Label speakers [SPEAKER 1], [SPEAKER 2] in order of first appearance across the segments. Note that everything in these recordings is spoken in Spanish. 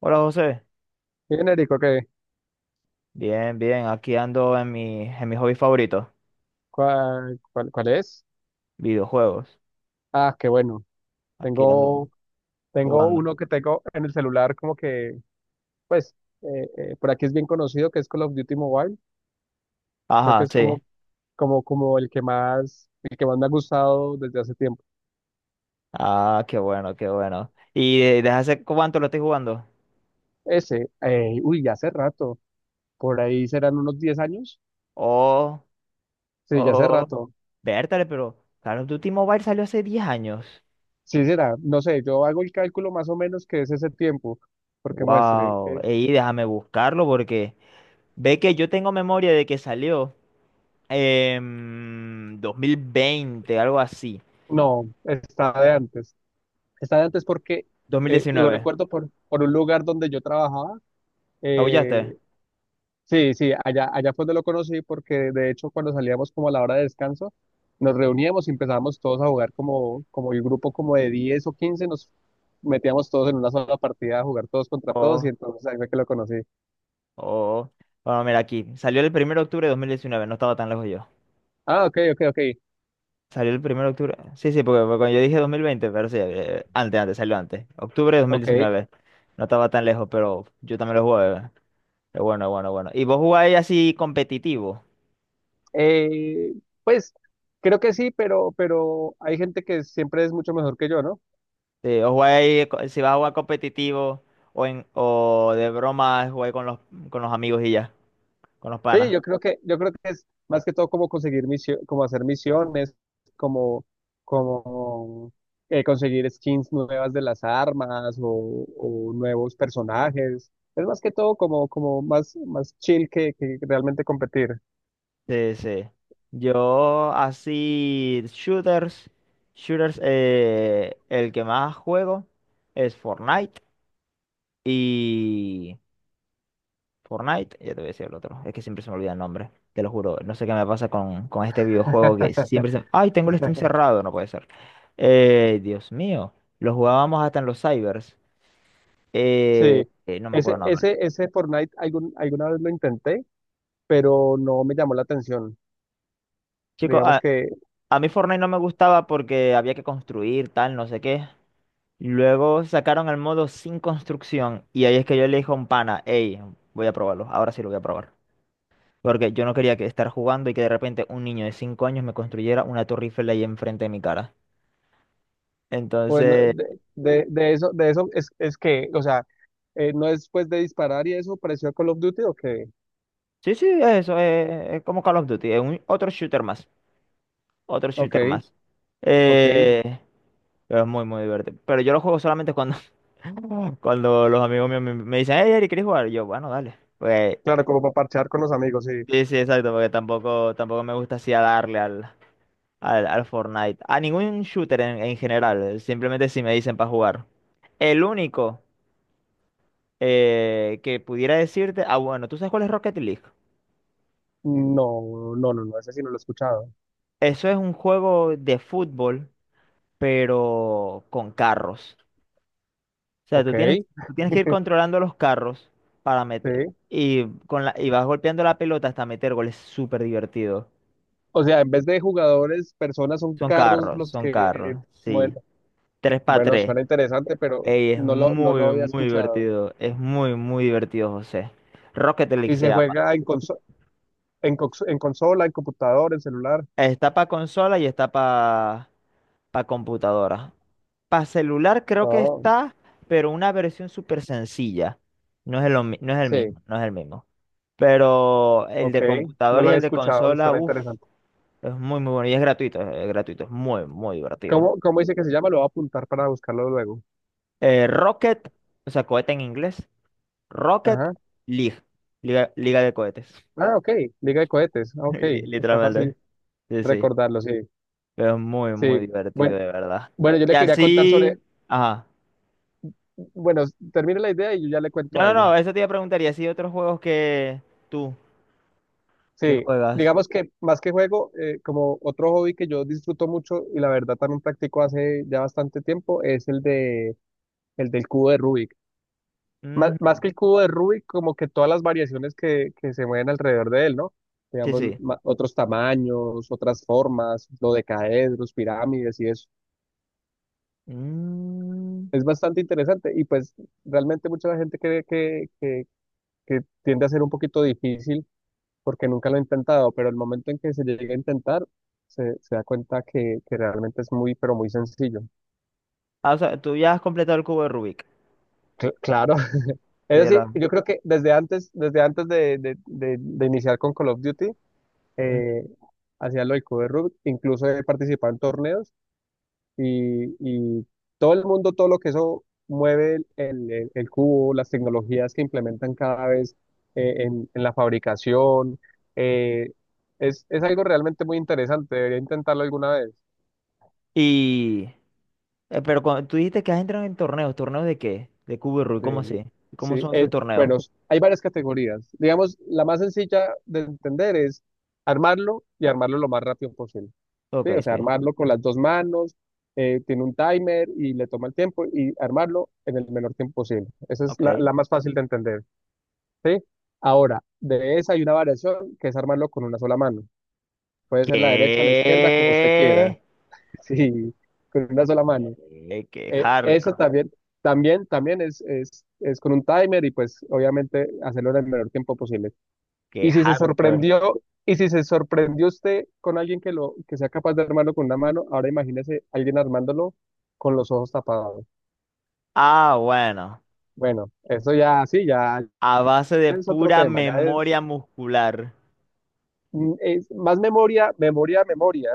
[SPEAKER 1] Hola José,
[SPEAKER 2] Genérico, ¿qué?
[SPEAKER 1] bien, bien, aquí ando en mi hobby favorito,
[SPEAKER 2] ¿Cuál es?
[SPEAKER 1] videojuegos.
[SPEAKER 2] Ah, qué bueno.
[SPEAKER 1] Aquí ando
[SPEAKER 2] Tengo, tengo
[SPEAKER 1] jugando.
[SPEAKER 2] uno que tengo en el celular como que, pues, por aquí es bien conocido, que es Call of Duty Mobile. Creo que
[SPEAKER 1] Ajá,
[SPEAKER 2] es
[SPEAKER 1] sí.
[SPEAKER 2] como el que más me ha gustado desde hace tiempo.
[SPEAKER 1] Ah, qué bueno, qué bueno. ¿Y desde hace cuánto lo estoy jugando?
[SPEAKER 2] Ese, uy, ya hace rato. Por ahí serán unos 10 años.
[SPEAKER 1] Oh,
[SPEAKER 2] Sí, ya hace
[SPEAKER 1] oh,
[SPEAKER 2] rato.
[SPEAKER 1] vértale, pero Call of Duty Mobile salió hace 10 años.
[SPEAKER 2] Sí, será. No sé, yo hago el cálculo más o menos que es ese tiempo, porque muestre.
[SPEAKER 1] Wow, y déjame buscarlo porque ve que yo tengo memoria de que salió en 2020, algo así.
[SPEAKER 2] No, está de antes. Está de antes porque
[SPEAKER 1] Dos mil
[SPEAKER 2] lo
[SPEAKER 1] diecinueve.
[SPEAKER 2] recuerdo por un lugar donde yo trabajaba.
[SPEAKER 1] ¿Aullaste?
[SPEAKER 2] eh, sí, sí, allá fue donde lo conocí porque de hecho cuando salíamos como a la hora de descanso, nos reuníamos y empezábamos todos a jugar como el grupo como de 10 o 15 nos metíamos todos en una sola partida a jugar todos contra todos y entonces ahí fue que lo conocí.
[SPEAKER 1] Oh, bueno, mira aquí. Salió el 1 de octubre de 2019. No estaba tan lejos yo.
[SPEAKER 2] Ah, ok, ok, ok,
[SPEAKER 1] Salió el 1 de octubre. Sí, sí, porque cuando yo dije 2020, pero sí, antes, antes, salió antes. Octubre de dos mil
[SPEAKER 2] ok.
[SPEAKER 1] diecinueve. No estaba tan lejos, pero yo también lo jugué. Es bueno, bueno, bueno. ¿Y vos jugáis así competitivo?
[SPEAKER 2] Eh, pues creo que sí, pero hay gente que siempre es mucho mejor que yo, ¿no?
[SPEAKER 1] Sí, o jugáis, si vas a jugar competitivo o de broma, jugáis con los amigos y ya, con los
[SPEAKER 2] Sí,
[SPEAKER 1] panas.
[SPEAKER 2] yo creo que es más que todo como conseguir misión, como hacer misiones, como, como conseguir skins nuevas de las armas o nuevos personajes. Es más que todo como más chill que realmente competir.
[SPEAKER 1] Sí, sí. Yo así, shooters, el que más juego es Fortnite y... Fortnite, ya te voy a decir el otro, es que siempre se me olvida el nombre, te lo juro, no sé qué me pasa con este videojuego que siempre se... ¡Ay, tengo el Steam cerrado! No puede ser. Dios mío, lo jugábamos hasta en los cybers.
[SPEAKER 2] Sí,
[SPEAKER 1] No me acuerdo
[SPEAKER 2] ese,
[SPEAKER 1] el nombre.
[SPEAKER 2] ese, ese Fortnite alguna vez lo intenté, pero no me llamó la atención.
[SPEAKER 1] Chicos,
[SPEAKER 2] Digamos
[SPEAKER 1] a,
[SPEAKER 2] que,
[SPEAKER 1] a mí Fortnite no me gustaba porque había que construir, tal, no sé qué. Luego sacaron el modo sin construcción y ahí es que yo le dije a un pana, hey, voy a probarlo, ahora sí lo voy a probar. Porque yo no quería que estar jugando y que de repente un niño de 5 años me construyera una torre Eiffel ahí enfrente de mi cara.
[SPEAKER 2] bueno,
[SPEAKER 1] Entonces,
[SPEAKER 2] de eso es que, o sea. ¿No es después de disparar y eso pareció a Call of Duty? Ok,
[SPEAKER 1] sí, sí, es eso, como Call of Duty, otro shooter más, otro
[SPEAKER 2] ok,
[SPEAKER 1] shooter más.
[SPEAKER 2] ok.
[SPEAKER 1] Eh, pero es muy, muy divertido. Pero yo lo juego solamente cuando, cuando los amigos míos me dicen, hey, Eric, ¿quieres jugar? Y yo, bueno, dale. Pues,
[SPEAKER 2] Claro, como para parchear con los amigos, sí.
[SPEAKER 1] sí, sí, exacto, porque tampoco, tampoco me gusta así a darle al... Al Fortnite. A ningún shooter en general. Simplemente si me dicen para jugar. El único que pudiera decirte. Ah, bueno, ¿tú sabes cuál es Rocket League?
[SPEAKER 2] No, no, no, no, ese sí no lo he escuchado.
[SPEAKER 1] Eso es un juego de fútbol, pero con carros. O sea,
[SPEAKER 2] Ok,
[SPEAKER 1] tú tienes que ir controlando los carros para meter.
[SPEAKER 2] sí.
[SPEAKER 1] Y vas golpeando la pelota hasta meter goles. Súper divertido.
[SPEAKER 2] O sea, en vez de jugadores, personas son
[SPEAKER 1] Son
[SPEAKER 2] carros
[SPEAKER 1] carros,
[SPEAKER 2] los
[SPEAKER 1] son carros.
[SPEAKER 2] que,
[SPEAKER 1] Sí.
[SPEAKER 2] bueno,
[SPEAKER 1] Tres para
[SPEAKER 2] bueno,
[SPEAKER 1] tres.
[SPEAKER 2] suena interesante, pero
[SPEAKER 1] Ey, es
[SPEAKER 2] no lo
[SPEAKER 1] muy,
[SPEAKER 2] había
[SPEAKER 1] muy
[SPEAKER 2] escuchado.
[SPEAKER 1] divertido. Es muy, muy divertido, José. Rocket League
[SPEAKER 2] Y
[SPEAKER 1] se
[SPEAKER 2] se
[SPEAKER 1] llama.
[SPEAKER 2] juega en en consola, en computador, en celular.
[SPEAKER 1] Está para consola y está para computadora. Para celular creo que
[SPEAKER 2] Oh,
[SPEAKER 1] está, pero una versión súper sencilla. No es el
[SPEAKER 2] sí,
[SPEAKER 1] mismo, no es el mismo. Pero el
[SPEAKER 2] ok,
[SPEAKER 1] de
[SPEAKER 2] no
[SPEAKER 1] computadora
[SPEAKER 2] lo
[SPEAKER 1] y
[SPEAKER 2] había
[SPEAKER 1] el de
[SPEAKER 2] escuchado,
[SPEAKER 1] consola,
[SPEAKER 2] suena
[SPEAKER 1] uff,
[SPEAKER 2] interesante.
[SPEAKER 1] es muy, muy bueno. Y es gratuito, es gratuito. Es muy, muy divertido.
[SPEAKER 2] ¿Cómo dice que se llama? Lo voy a apuntar para buscarlo luego.
[SPEAKER 1] Rocket, o sea, cohete en inglés. Rocket
[SPEAKER 2] Ajá.
[SPEAKER 1] League. Liga, Liga de cohetes.
[SPEAKER 2] Ah, ok, Liga de Cohetes, ah, ok, está
[SPEAKER 1] Literalmente.
[SPEAKER 2] fácil
[SPEAKER 1] Sí, sí.
[SPEAKER 2] recordarlo, sí,
[SPEAKER 1] Pero es muy, muy
[SPEAKER 2] sí.
[SPEAKER 1] divertido,
[SPEAKER 2] Bueno,
[SPEAKER 1] de verdad.
[SPEAKER 2] bueno, yo
[SPEAKER 1] Y
[SPEAKER 2] le quería contar sobre,
[SPEAKER 1] así. Ajá.
[SPEAKER 2] bueno, termine la idea y yo ya le
[SPEAKER 1] No,
[SPEAKER 2] cuento
[SPEAKER 1] no,
[SPEAKER 2] algo.
[SPEAKER 1] no, eso te iba a preguntar. Y así otros juegos tú, que
[SPEAKER 2] Sí,
[SPEAKER 1] juegas.
[SPEAKER 2] digamos que más que juego, como otro hobby que yo disfruto mucho y la verdad también practico hace ya bastante tiempo, es el del cubo de Rubik. Más,
[SPEAKER 1] Mm,
[SPEAKER 2] más que el cubo de Rubik, como que todas las variaciones que se mueven alrededor de él, ¿no?
[SPEAKER 1] sí,
[SPEAKER 2] Digamos,
[SPEAKER 1] sí.
[SPEAKER 2] otros tamaños, otras formas, lo de caedros, pirámides y eso.
[SPEAKER 1] Mm.
[SPEAKER 2] Es bastante interesante y pues realmente mucha gente cree que tiende a ser un poquito difícil porque nunca lo ha intentado, pero el momento en que se llega a intentar, se da cuenta que realmente es muy, pero muy sencillo.
[SPEAKER 1] Ah, o sea, tú ya has completado el cubo de Rubik.
[SPEAKER 2] Claro, es
[SPEAKER 1] Sí, ya lo
[SPEAKER 2] decir,
[SPEAKER 1] has-
[SPEAKER 2] yo creo que desde antes de iniciar con Call of Duty,
[SPEAKER 1] Ujú.
[SPEAKER 2] eh, hacía lo del cubo de Rubik, incluso he participado en torneos y todo el mundo, todo lo que eso mueve el cubo, las tecnologías que implementan cada vez en la fabricación, eh, es algo realmente muy interesante, debería intentarlo alguna vez.
[SPEAKER 1] Y. Pero tú dijiste que has entrado en torneos. ¿Torneos de qué? De cubo de Rubik. ¿Cómo
[SPEAKER 2] De,
[SPEAKER 1] así?
[SPEAKER 2] sí,
[SPEAKER 1] ¿Cómo son esos torneos?
[SPEAKER 2] bueno, hay varias categorías. Digamos, la más sencilla de entender es armarlo y armarlo lo más rápido posible.
[SPEAKER 1] Ok,
[SPEAKER 2] Sí, o sea,
[SPEAKER 1] sí.
[SPEAKER 2] armarlo con las dos manos, tiene un timer y le toma el tiempo y armarlo en el menor tiempo posible. Esa es la,
[SPEAKER 1] Ok.
[SPEAKER 2] la más fácil de entender, ¿sí? Ahora, de esa hay una variación que es armarlo con una sola mano. Puede ser la derecha o la izquierda, como usted quiera,
[SPEAKER 1] ¿Qué?
[SPEAKER 2] sí, con una sola mano.
[SPEAKER 1] Qué
[SPEAKER 2] Eso
[SPEAKER 1] hardcore.
[SPEAKER 2] también es con un timer y pues obviamente hacerlo en el menor tiempo posible.
[SPEAKER 1] Qué
[SPEAKER 2] Y si se
[SPEAKER 1] hardcore.
[SPEAKER 2] sorprendió, y si se sorprendió usted con alguien que sea capaz de armarlo con una mano, ahora imagínese alguien armándolo con los ojos tapados.
[SPEAKER 1] Ah, bueno.
[SPEAKER 2] Bueno, eso ya sí, ya
[SPEAKER 1] A base de
[SPEAKER 2] es otro
[SPEAKER 1] pura
[SPEAKER 2] tema, ya es,
[SPEAKER 1] memoria muscular.
[SPEAKER 2] mm, es más memoria, memoria, memoria.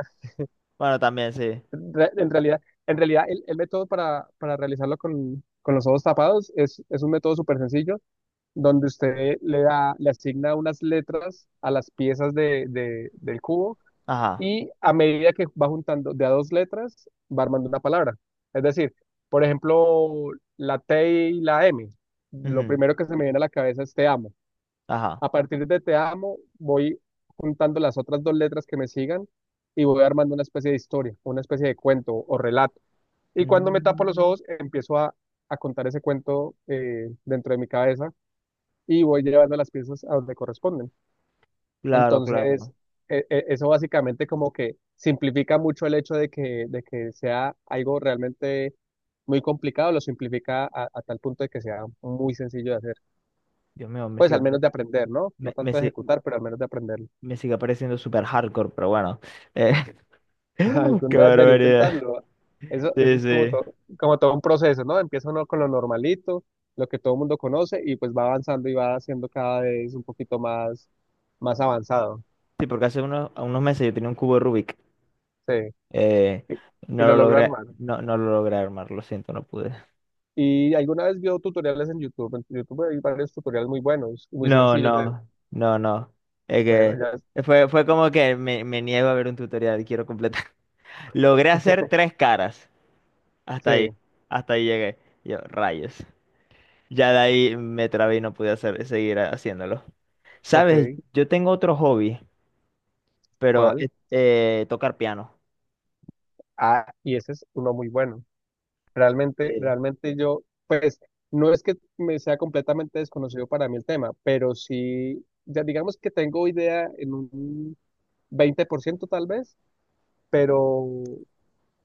[SPEAKER 1] Bueno, también sí.
[SPEAKER 2] Re- En realidad, en realidad el método para realizarlo con los ojos tapados es un método súper sencillo donde usted le asigna unas letras a las piezas del cubo
[SPEAKER 1] Ajá.
[SPEAKER 2] y a medida que va juntando de a dos letras, va armando una palabra. Es decir, por ejemplo, la T y la M. Lo
[SPEAKER 1] Ujú,
[SPEAKER 2] primero que se me viene a la cabeza es te amo.
[SPEAKER 1] ajá.
[SPEAKER 2] A partir de te amo, voy juntando las otras dos letras que me sigan y voy armando una especie de historia, una especie de cuento o relato. Y cuando me tapo los
[SPEAKER 1] Mm,
[SPEAKER 2] ojos, empiezo a contar ese cuento dentro de mi cabeza y voy llevando las piezas a donde corresponden.
[SPEAKER 1] claro,
[SPEAKER 2] Entonces,
[SPEAKER 1] claro.
[SPEAKER 2] eso básicamente como que simplifica mucho el hecho de que sea algo realmente muy complicado, lo simplifica a tal punto de que sea muy sencillo de hacer.
[SPEAKER 1] Dios mío, me
[SPEAKER 2] Pues
[SPEAKER 1] sigue,
[SPEAKER 2] al
[SPEAKER 1] pare-
[SPEAKER 2] menos de aprender, ¿no? No
[SPEAKER 1] me
[SPEAKER 2] tanto de
[SPEAKER 1] si-
[SPEAKER 2] ejecutar, pero al menos de aprenderlo.
[SPEAKER 1] me sigue pareciendo súper hardcore, pero bueno. Eh, Qué
[SPEAKER 2] Alguna vez debería
[SPEAKER 1] barbaridad.
[SPEAKER 2] intentarlo. Eso
[SPEAKER 1] Sí,
[SPEAKER 2] es como
[SPEAKER 1] sí.
[SPEAKER 2] todo, como todo un proceso, ¿no? Empieza uno con lo normalito, lo que todo el mundo conoce, y pues va avanzando y va haciendo cada vez un poquito más avanzado.
[SPEAKER 1] Sí, porque hace unos meses yo tenía un cubo de Rubik.
[SPEAKER 2] Sí.
[SPEAKER 1] Eh,
[SPEAKER 2] Y y
[SPEAKER 1] no
[SPEAKER 2] lo
[SPEAKER 1] lo
[SPEAKER 2] logró
[SPEAKER 1] logré,
[SPEAKER 2] armar.
[SPEAKER 1] no, no lo logré armar, lo siento, no pude.
[SPEAKER 2] Y alguna vez vio tutoriales en YouTube. En YouTube hay varios tutoriales muy buenos, muy
[SPEAKER 1] No,
[SPEAKER 2] sencillos. de-
[SPEAKER 1] no, no, no. Es
[SPEAKER 2] bueno,
[SPEAKER 1] que
[SPEAKER 2] ya
[SPEAKER 1] fue como que me niego a ver un tutorial, quiero completar. Logré hacer tres caras. Hasta ahí,
[SPEAKER 2] sé,
[SPEAKER 1] hasta ahí llegué. Yo, rayos. Ya de ahí me trabé y no pude hacer, seguir haciéndolo.
[SPEAKER 2] ok,
[SPEAKER 1] ¿Sabes? Yo tengo otro hobby, pero
[SPEAKER 2] ¿cuál?
[SPEAKER 1] tocar piano.
[SPEAKER 2] Ah, y ese es uno muy bueno. Realmente,
[SPEAKER 1] Sí.
[SPEAKER 2] realmente yo, pues, no es que me sea completamente desconocido para mí el tema, pero sí, ya digamos que tengo idea en un 20% tal vez, pero,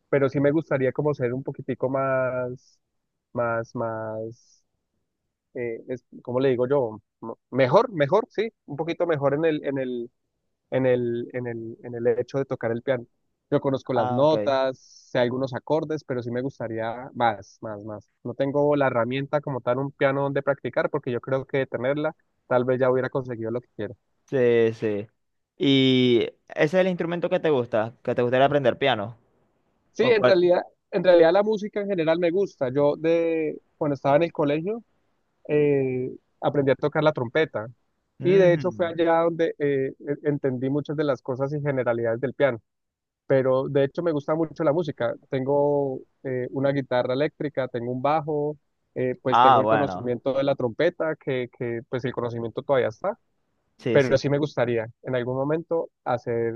[SPEAKER 2] pero sí me gustaría como ser un poquitico más, más, más. ¿Cómo le digo yo? Mejor, sí, un poquito mejor en el, en el, en el, en el, en el, hecho de tocar el piano. Yo conozco las
[SPEAKER 1] Ah, ok.
[SPEAKER 2] notas, sé algunos acordes, pero sí me gustaría más, más, más. No tengo la herramienta como tal, un piano donde practicar, porque yo creo que de tenerla, tal vez ya hubiera conseguido lo que quiero.
[SPEAKER 1] Sí, sí. ¿Y ese es el instrumento que te gusta? ¿Que te gustaría aprender piano?
[SPEAKER 2] Sí,
[SPEAKER 1] ¿O
[SPEAKER 2] en
[SPEAKER 1] cuál?
[SPEAKER 2] realidad, en realidad la música en general me gusta. Cuando estaba en el colegio, eh, aprendí a tocar la trompeta. Y de hecho fue
[SPEAKER 1] Ujú.
[SPEAKER 2] allá donde entendí muchas de las cosas y generalidades del piano. Pero de hecho me gusta mucho la música. Tengo una guitarra eléctrica, tengo un bajo, pues
[SPEAKER 1] Ah,
[SPEAKER 2] tengo el
[SPEAKER 1] bueno.
[SPEAKER 2] conocimiento de la trompeta, que pues el conocimiento todavía está.
[SPEAKER 1] Sí, sí.
[SPEAKER 2] Pero sí me gustaría en algún momento hacer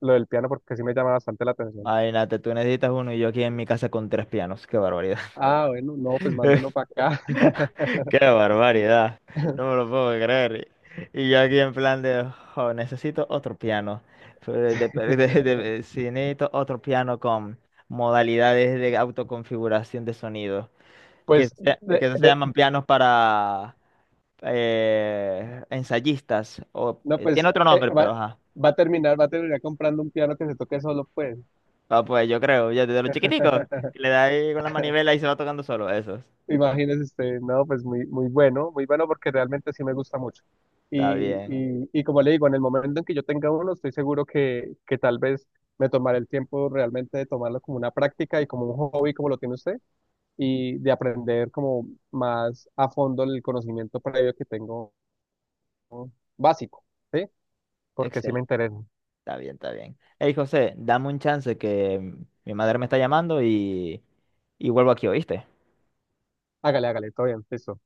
[SPEAKER 2] lo del piano porque sí me llama bastante la atención.
[SPEAKER 1] Imagínate, tú necesitas uno y yo aquí en mi casa con tres pianos. Qué barbaridad.
[SPEAKER 2] Ah, bueno, no, pues mándelo para acá.
[SPEAKER 1] Qué barbaridad. No me lo puedo creer. Y yo aquí en plan de, "Jo, necesito otro piano. Fue de- sí, necesito otro piano con modalidades de autoconfiguración de sonido. Que
[SPEAKER 2] Pues
[SPEAKER 1] se, que se
[SPEAKER 2] de
[SPEAKER 1] llaman pianos para ensayistas. O,
[SPEAKER 2] no, pues
[SPEAKER 1] tiene otro nombre,
[SPEAKER 2] va,
[SPEAKER 1] pero ajá.
[SPEAKER 2] va a terminar, va a terminar comprando un piano que se toque solo, pues.
[SPEAKER 1] Ah, pues yo creo, ya desde los chiquiticos, que le da ahí con la manivela y se va tocando solo. Eso.
[SPEAKER 2] Imagínese usted, no, pues muy, muy bueno, muy bueno porque realmente sí me gusta mucho.
[SPEAKER 1] Está
[SPEAKER 2] Y,
[SPEAKER 1] bien.
[SPEAKER 2] y, y como le digo, en el momento en que yo tenga uno, estoy seguro que tal vez me tomaré el tiempo realmente de tomarlo como una práctica y como un hobby, como lo tiene usted, y de aprender como más a fondo el conocimiento previo que tengo ¿no? básico, ¿sí? Porque sí me
[SPEAKER 1] Excel.
[SPEAKER 2] interesa.
[SPEAKER 1] Está bien, está bien. Hey, José, dame un chance que mi madre me está llamando y vuelvo aquí, ¿oíste?
[SPEAKER 2] Hágale, hágale, todo bien, listo.